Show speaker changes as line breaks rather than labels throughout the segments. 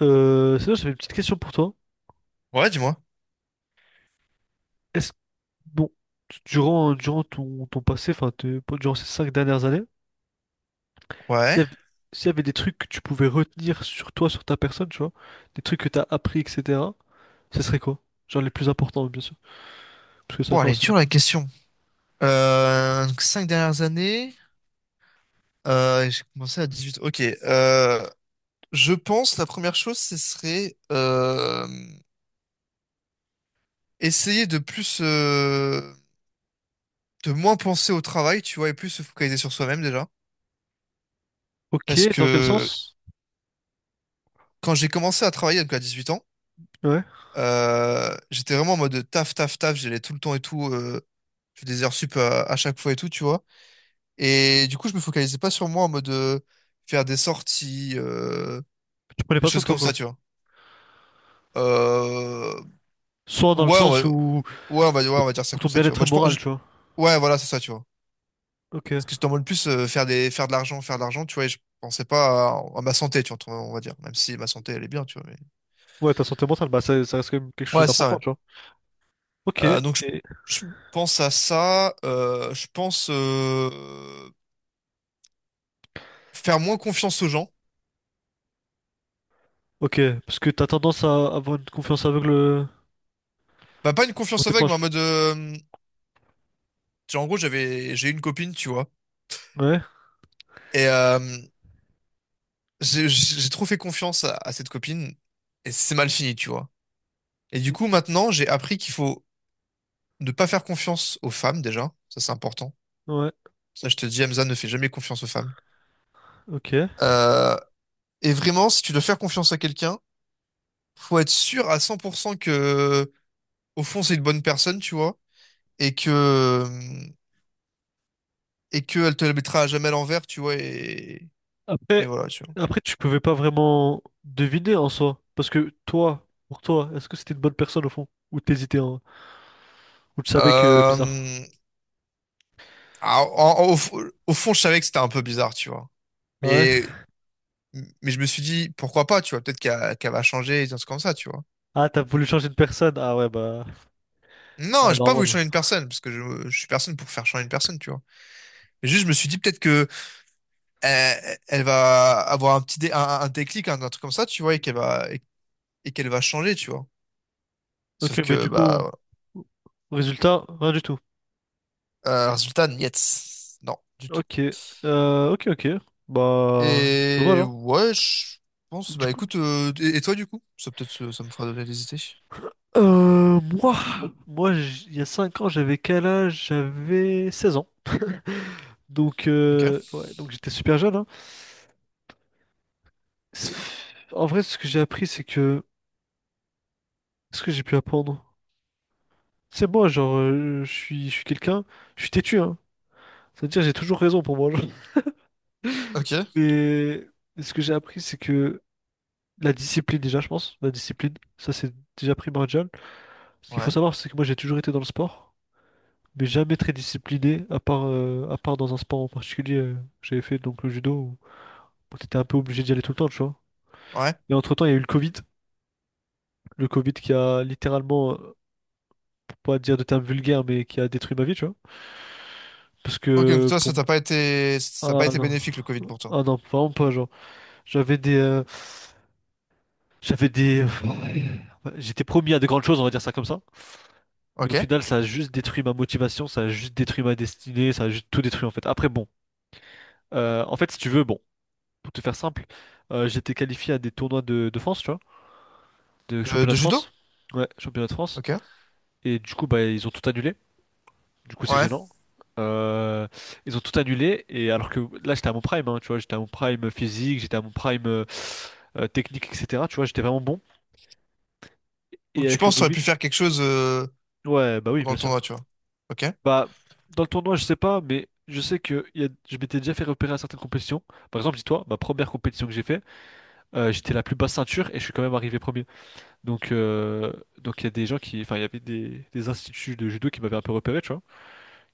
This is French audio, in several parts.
Sinon, j'avais une petite question pour toi.
Ouais, dis-moi.
Est-ce bon, durant ton passé, enfin, durant ces 5 dernières années, s'il
Ouais.
y avait, s'il y avait des trucs que tu pouvais retenir sur toi, sur ta personne, tu vois, des trucs que t'as appris, etc., ce serait quoi? Genre les plus importants, bien sûr, parce que
Oh,
5
elle
ans,
est
c'est long
dure
quand
la
même.
question. 5 dernières années, j'ai commencé à 18. Ok. Je pense la première chose, ce serait essayer de plus, de moins penser au travail, tu vois, et plus se focaliser sur soi-même déjà.
Ok,
Parce
dans quel
que
sens?
quand j'ai commencé à travailler donc à 18 ans,
Ouais.
j'étais vraiment en mode taf, taf, taf, j'allais tout le temps et tout, je faisais des heures sup à chaque fois et tout, tu vois. Et du coup, je me focalisais pas sur moi en mode faire des sorties,
Tu prenais
des
pas soin de
choses
toi,
comme
quoi.
ça, tu vois. Euh,
Soit dans le
ouais,
sens où,
on va dire ça
pour ton
comme ça, tu vois.
bien-être
Moi,
moral, tu vois.
ouais, voilà, c'est ça, tu vois.
Ok.
Parce que je t'en mode plus faire de l'argent, tu vois. Et je pensais pas à ma santé, tu vois, on va dire. Même si ma santé, elle est bien, tu vois. Mais...
Ouais, ta santé mentale, bah ça, ça reste quand même quelque chose
Ouais, c'est ça, ouais.
d'important, tu vois. Ok.
Donc, je,
Et...
je pense à ça. Je pense faire moins confiance aux gens.
Ok, parce que t'as tendance à avoir une confiance aveugle.
Bah, pas une
On
confiance
t'es
aveugle, mais en
proche.
mode. Genre, en gros, j'ai eu une copine, tu vois.
Ouais.
Et j'ai trop fait confiance à cette copine et c'est mal fini, tu vois. Et du
Oui.
coup, maintenant, j'ai appris qu'il faut ne pas faire confiance aux femmes déjà. Ça, c'est important.
Ouais.
Ça, je te dis, Hamza, ne fais jamais confiance aux femmes.
Ok.
Euh, et vraiment, si tu dois faire confiance à quelqu'un, faut être sûr à 100% que, au fond, c'est une bonne personne, tu vois, et que, et qu'elle te la mettra à jamais à l'envers, tu vois, et
Après,
voilà, tu vois.
après, tu pouvais pas vraiment deviner en soi. Parce que toi, pour toi, est-ce que c'était une bonne personne au fond? Ou t'hésitais, hein? Ou tu savais que bizarre.
Euh, au fond, je savais que c'était un peu bizarre, tu vois.
Ah, ouais.
Mais Mais je me suis dit, pourquoi pas, tu vois, peut-être qu'elle va changer, et des trucs comme ça, tu vois.
Ah, t'as voulu changer de personne. Ah ouais, bah.
Non,
Ah,
j'ai pas voulu
normal.
changer une personne, parce que je suis personne pour faire changer une personne, tu vois. Mais juste, je me suis dit peut-être que elle va avoir un petit un déclic, un truc comme ça, tu vois, et qu'elle va changer, tu vois.
Ok,
Sauf
mais
que,
du coup,
bah,
résultat, rien du tout.
résultat, niet. Non, du tout.
Ok. Ok, ok. Bah, dommage,
Et
hein.
ouais, je pense,
Du
bah
coup.
écoute, et toi du coup? Ça peut-être ça me fera donner des idées.
Euh, moi, moi, il y a 5 ans, j'avais quel âge? J'avais 16 ans. Donc,
Ok.
ouais, donc j'étais super jeune, hein. C'est- En vrai, ce que j'ai appris, c'est que... Ce que j'ai pu apprendre. C'est moi, genre, je suis quelqu'un, je suis têtu, hein. C'est-à-dire, j'ai toujours raison pour moi, genre.
Ok.
Mais ce que j'ai appris, c'est que la discipline, déjà, je pense, la discipline, ça c'est déjà primordial. Ce qu'il faut
Ouais.
savoir, c'est que moi, j'ai toujours été dans le sport, mais jamais très discipliné, à part dans un sport en particulier que j'avais fait, donc le judo, où, où t'étais un peu obligé d'y aller tout le temps, tu vois.
Ouais.
Et entre-temps, il y a eu le Covid qui a littéralement, pas dire de termes vulgaires, mais qui a détruit ma vie, tu vois. Parce
Ok, donc
que
toi,
pour m-
ça a pas
Ah
été
non,
bénéfique le Covid pour toi.
ah non, vraiment pas, genre. J'avais des, euh, j'avais des, j'étais promis à de grandes choses, on va dire ça comme ça. Mais au
Ok.
final, ça a juste détruit ma motivation, ça a juste détruit ma destinée, ça a juste tout détruit en fait. Après bon, en fait si tu veux, bon, pour te faire simple, j'étais qualifié à des tournois de France, tu vois, de
De,
championnat
de
de France.
judo?
Ouais, championnat de France.
Ok.
Et du coup, bah ils ont tout annulé. Du coup, c'est
Ouais.
gênant. Euh, ils ont tout annulé. Et alors que là, j'étais à mon prime, hein, tu vois, j'étais à mon prime physique, j'étais à mon prime technique, etc. Tu vois, j'étais vraiment bon.
Donc
Et
tu
avec le
penses que tu aurais
Covid,
pu faire quelque chose
ouais, bah oui,
pendant
bien
le tournoi, tu
sûr.
vois. Ok.
Bah, dans le tournoi, je sais pas, mais je sais que je m'étais déjà fait repérer à certaines compétitions. Par exemple, dis-toi, ma première compétition que j'ai fait, j'étais la plus basse ceinture et je suis quand même arrivé premier. Donc, euh, donc il y a des gens qui, enfin, il y avait des instituts de judo qui m'avaient un peu repéré, tu vois.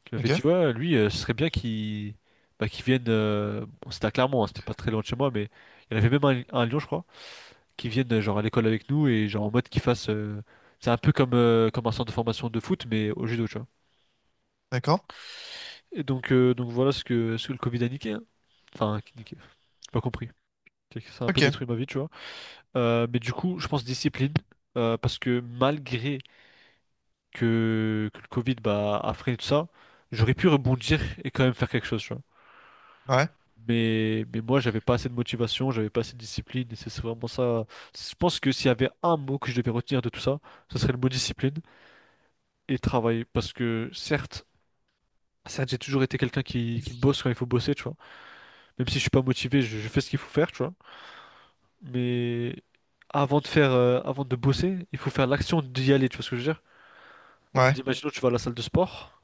Qui m'avait
Ok.
dit ouais lui ce serait bien qu'il, bah, qu'il vienne bon, c'était à Clermont hein, c'était pas très loin de chez moi, mais il y en avait même un à Lyon je crois, qui vienne genre à l'école avec nous et genre en mode qu'il fasse c'est un peu comme comme un centre de formation de foot mais au judo, tu vois.
D'accord.
Et donc voilà ce que le Covid a niqué, hein. Enfin qui niqué, j'ai pas compris. C'est que ça a un peu
Ok.
détruit ma vie, tu vois. Mais du coup je pense discipline, parce que malgré que le Covid, bah, a freiné tout ça, j'aurais pu rebondir et quand même faire quelque chose, tu vois.
Ouais.
Mais moi, j'avais pas assez de motivation, j'avais pas assez de discipline, et c'est vraiment ça. Je pense que s'il y avait un mot que je devais retenir de tout ça, ce serait le mot discipline et travail. Parce que certes, certes, j'ai toujours été quelqu'un qui bosse quand il faut bosser, tu vois. Même si je suis pas motivé, je fais ce qu'il faut faire, tu vois. Mais avant de faire, avant de bosser, il faut faire l'action d'y aller, tu vois ce que je veux dire? En mode,
Ouais.
imaginons, tu vas à la salle de sport.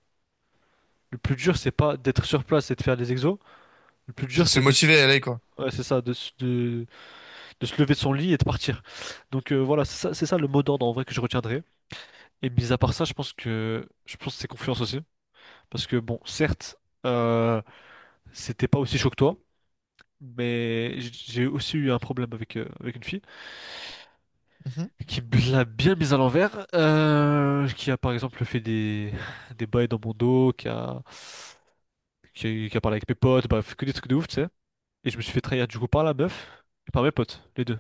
Le plus dur, c'est pas d'être sur place et de faire les exos. Le plus
C'est
dur,
de se
c'est de,
motiver à aller, quoi.
ouais, c'est ça, de se lever de son lit et de partir. Donc voilà, c'est ça le mot d'ordre en vrai que je retiendrai. Et mis à part ça, je pense que c'est confiance aussi, parce que bon, certes, euh, c'était pas aussi chaud que toi, mais j'ai aussi eu un problème avec avec une fille
Mhm.
qui me l'a bien mise à l'envers, qui a par exemple fait des bails dans mon dos, qui a parlé avec mes potes, bref, que des trucs de ouf, tu sais. Et je me suis fait trahir du coup par la meuf et par mes potes, les deux.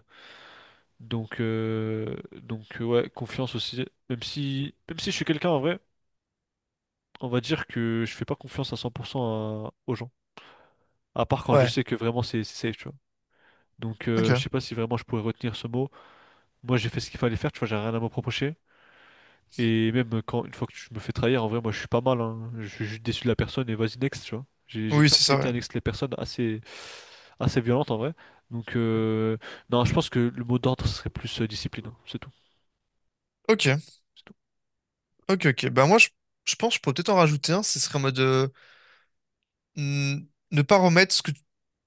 Donc, ouais, confiance aussi. Même si je suis quelqu'un en vrai, on va dire que je fais pas confiance à 100% aux gens. À part quand je
Ouais.
sais que vraiment c'est safe, tu vois. Donc,
Ok.
je sais pas si vraiment je pourrais retenir ce mot. Moi, j'ai fait ce qu'il fallait faire, tu vois, j'ai rien à me reprocher. Et même quand, une fois que je me fais trahir, en vrai, moi, je suis pas mal, hein. Je suis juste déçu de la personne et vas-y, next, tu vois. J'ai une
Oui, c'est ça,
facilité
ouais.
à next les personnes assez, assez violente en vrai. Donc, non, je pense que le mot d'ordre serait plus discipline, hein. C'est tout.
Ok.
C'est tout.
Ok, ok. Bah moi, je pense que je pourrais peut-être en rajouter un. Ce serait en mode ne pas remettre ce que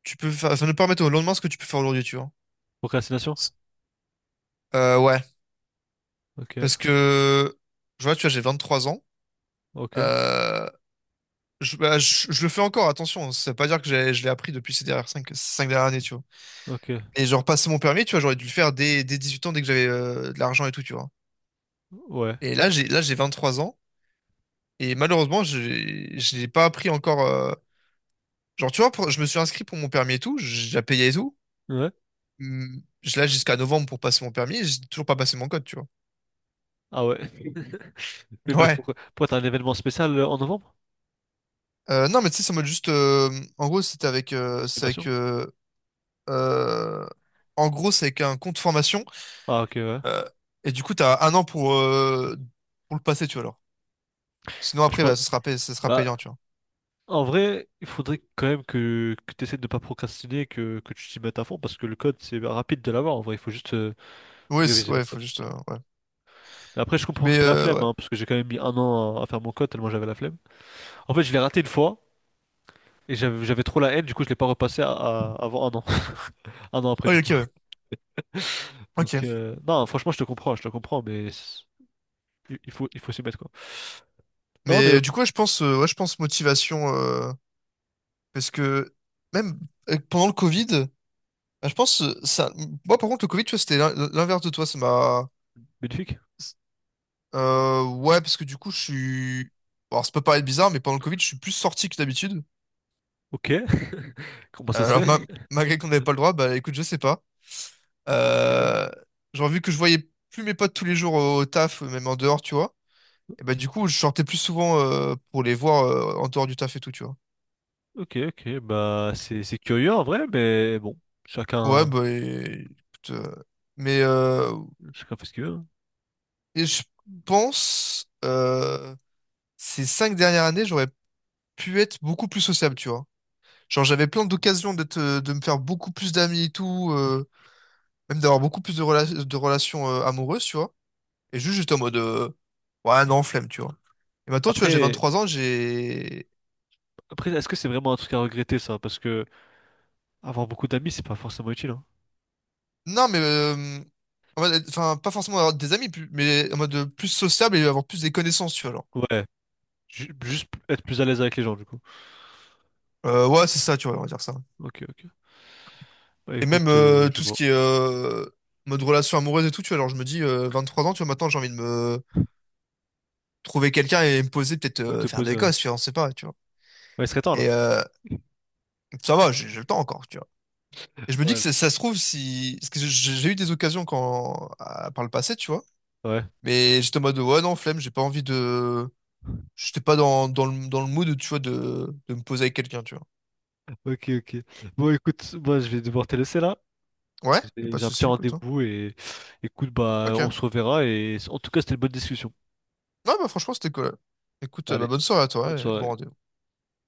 tu peux faire. Enfin, ne pas remettre au lendemain ce que tu peux faire aujourd'hui, tu vois.
Procrastination?
Ouais.
Ok.
Parce que, je vois, tu vois, j'ai 23 ans.
Ok,
Euh, Bah, je le fais encore, attention. Hein. Ça veut pas dire que je l'ai appris depuis ces dernières 5, dernières années, tu vois.
ok,
Mais genre, passer mon permis, tu vois, j'aurais dû le faire dès 18 ans, dès que j'avais de l'argent et tout, tu vois.
ouais,
Et là, j'ai 23 ans. Et malheureusement, je l'ai pas appris encore. Genre, tu vois, je me suis inscrit pour mon permis et tout. J'ai déjà payé et tout.
ouais,
Je l'ai jusqu'à novembre pour passer mon permis. Et j'ai toujours pas passé mon code, tu vois.
ah ouais. Mais bah,
Ouais.
pourquoi, pourquoi t'as un événement spécial en novembre?
Non, mais tu sais, ça mode juste. En gros, c'était avec. C'est
Estimation?
avec. Euh, En gros, c'est avec un compte formation.
Ah ok, ouais.
Euh, et du coup, t'as un an pour le passer, tu vois, alors. Sinon,
Bah, je
après,
pense,
bah, ce sera
bah,
payant, tu vois.
en vrai, il faudrait quand même que tu essaies de ne pas procrastiner, que tu t'y mettes à fond, parce que le code, c'est rapide de l'avoir, en vrai, il faut juste
Ouais,
réviser, en
ouais,
fait,
faut
c'est
juste,
tout.
ouais.
Mais après, je comprends que
Mais,
t'aies la flemme,
ouais.
hein, parce que j'ai quand même mis un an à faire mon code, tellement j'avais la flemme. En fait, je l'ai raté une fois, et j'avais trop la haine, du coup, je l'ai pas repassé avant un an, un an après,
Oh,
du
ok,
coup.
ouais.
Donc,
Ok.
non, franchement, je te comprends, mais... il faut s'y mettre, quoi. Non, mais
Mais du coup, ouais, je pense motivation, parce que même pendant le Covid, bah, je pense, ça, moi, par contre, le Covid, tu vois, c'était l'inverse de toi, ça m'a,
magnifique.
ouais, parce que du coup, je suis, bon, alors, ça peut paraître bizarre, mais pendant le Covid, je suis plus sorti que d'habitude.
Ok. Comment ça se
Alors,
fait?
malgré qu'on n'avait pas le droit, bah, écoute, je sais pas.
Ok,
Euh, genre, vu que je voyais plus mes potes tous les jours au taf, même en dehors, tu vois, et bah, du coup, je sortais plus souvent pour les voir en dehors du taf et tout, tu vois.
ok, ok. Bah, c'est curieux en vrai, mais bon,
Ouais,
chacun,
bah, écoute, mais euh,
chacun fait ce qu'il veut, hein.
et je pense, ces 5 dernières années, j'aurais pu être beaucoup plus sociable, tu vois. Genre, j'avais plein d'occasions d'être, de me faire beaucoup plus d'amis et tout, même d'avoir beaucoup plus de relations amoureuses, tu vois. Et juste, j'étais en mode, ouais, non, flemme, tu vois. Et maintenant, tu vois, j'ai vingt
Après,
trois ans, j'ai
après, est-ce que c'est vraiment un truc à regretter, ça? Parce que avoir beaucoup d'amis, c'est pas forcément utile, hein.
Non, mais en mode enfin, pas forcément avoir des amis, mais en mode plus sociable et avoir plus des connaissances, tu vois, genre.
Ouais. Juste être plus à l'aise avec les gens, du coup.
Ouais, c'est ça, tu vois, on va dire ça.
Ok, ok. Bah,
Et même
écoute, je
tout ce
vois.
qui est mode relation amoureuse et tout, tu vois, alors je me dis, 3 ans, tu vois, maintenant j'ai envie de me trouver quelqu'un et me poser, peut-être
Ouais, te
faire
poser.
des
Ouais,
gosses, tu vois, on sait pas, tu vois.
ouais, il serait temps,
Et
là.
ça va, j'ai le temps encore, tu vois. Et je me dis que
Ouais.
ça se trouve, si. Parce que j'ai eu des occasions par le passé, tu vois.
Ouais.
Mais j'étais en mode, ouais, non, flemme, j'ai pas envie de. J'étais pas dans le mood, tu vois, de me poser avec quelqu'un, tu vois.
Ok, ok. Bon, écoute, moi, je vais devoir te laisser, là.
Ouais, y a pas de
J'ai un petit
souci, écoute. Hein.
rendez-vous et écoute, bah,
Ok.
on
Ouais,
se reverra et en tout cas, c'était une bonne discussion.
bah franchement, c'était cool. Écoute, bah,
Allez,
bonne soirée à toi
bonne
ouais, et bon
soirée.
rendez-vous.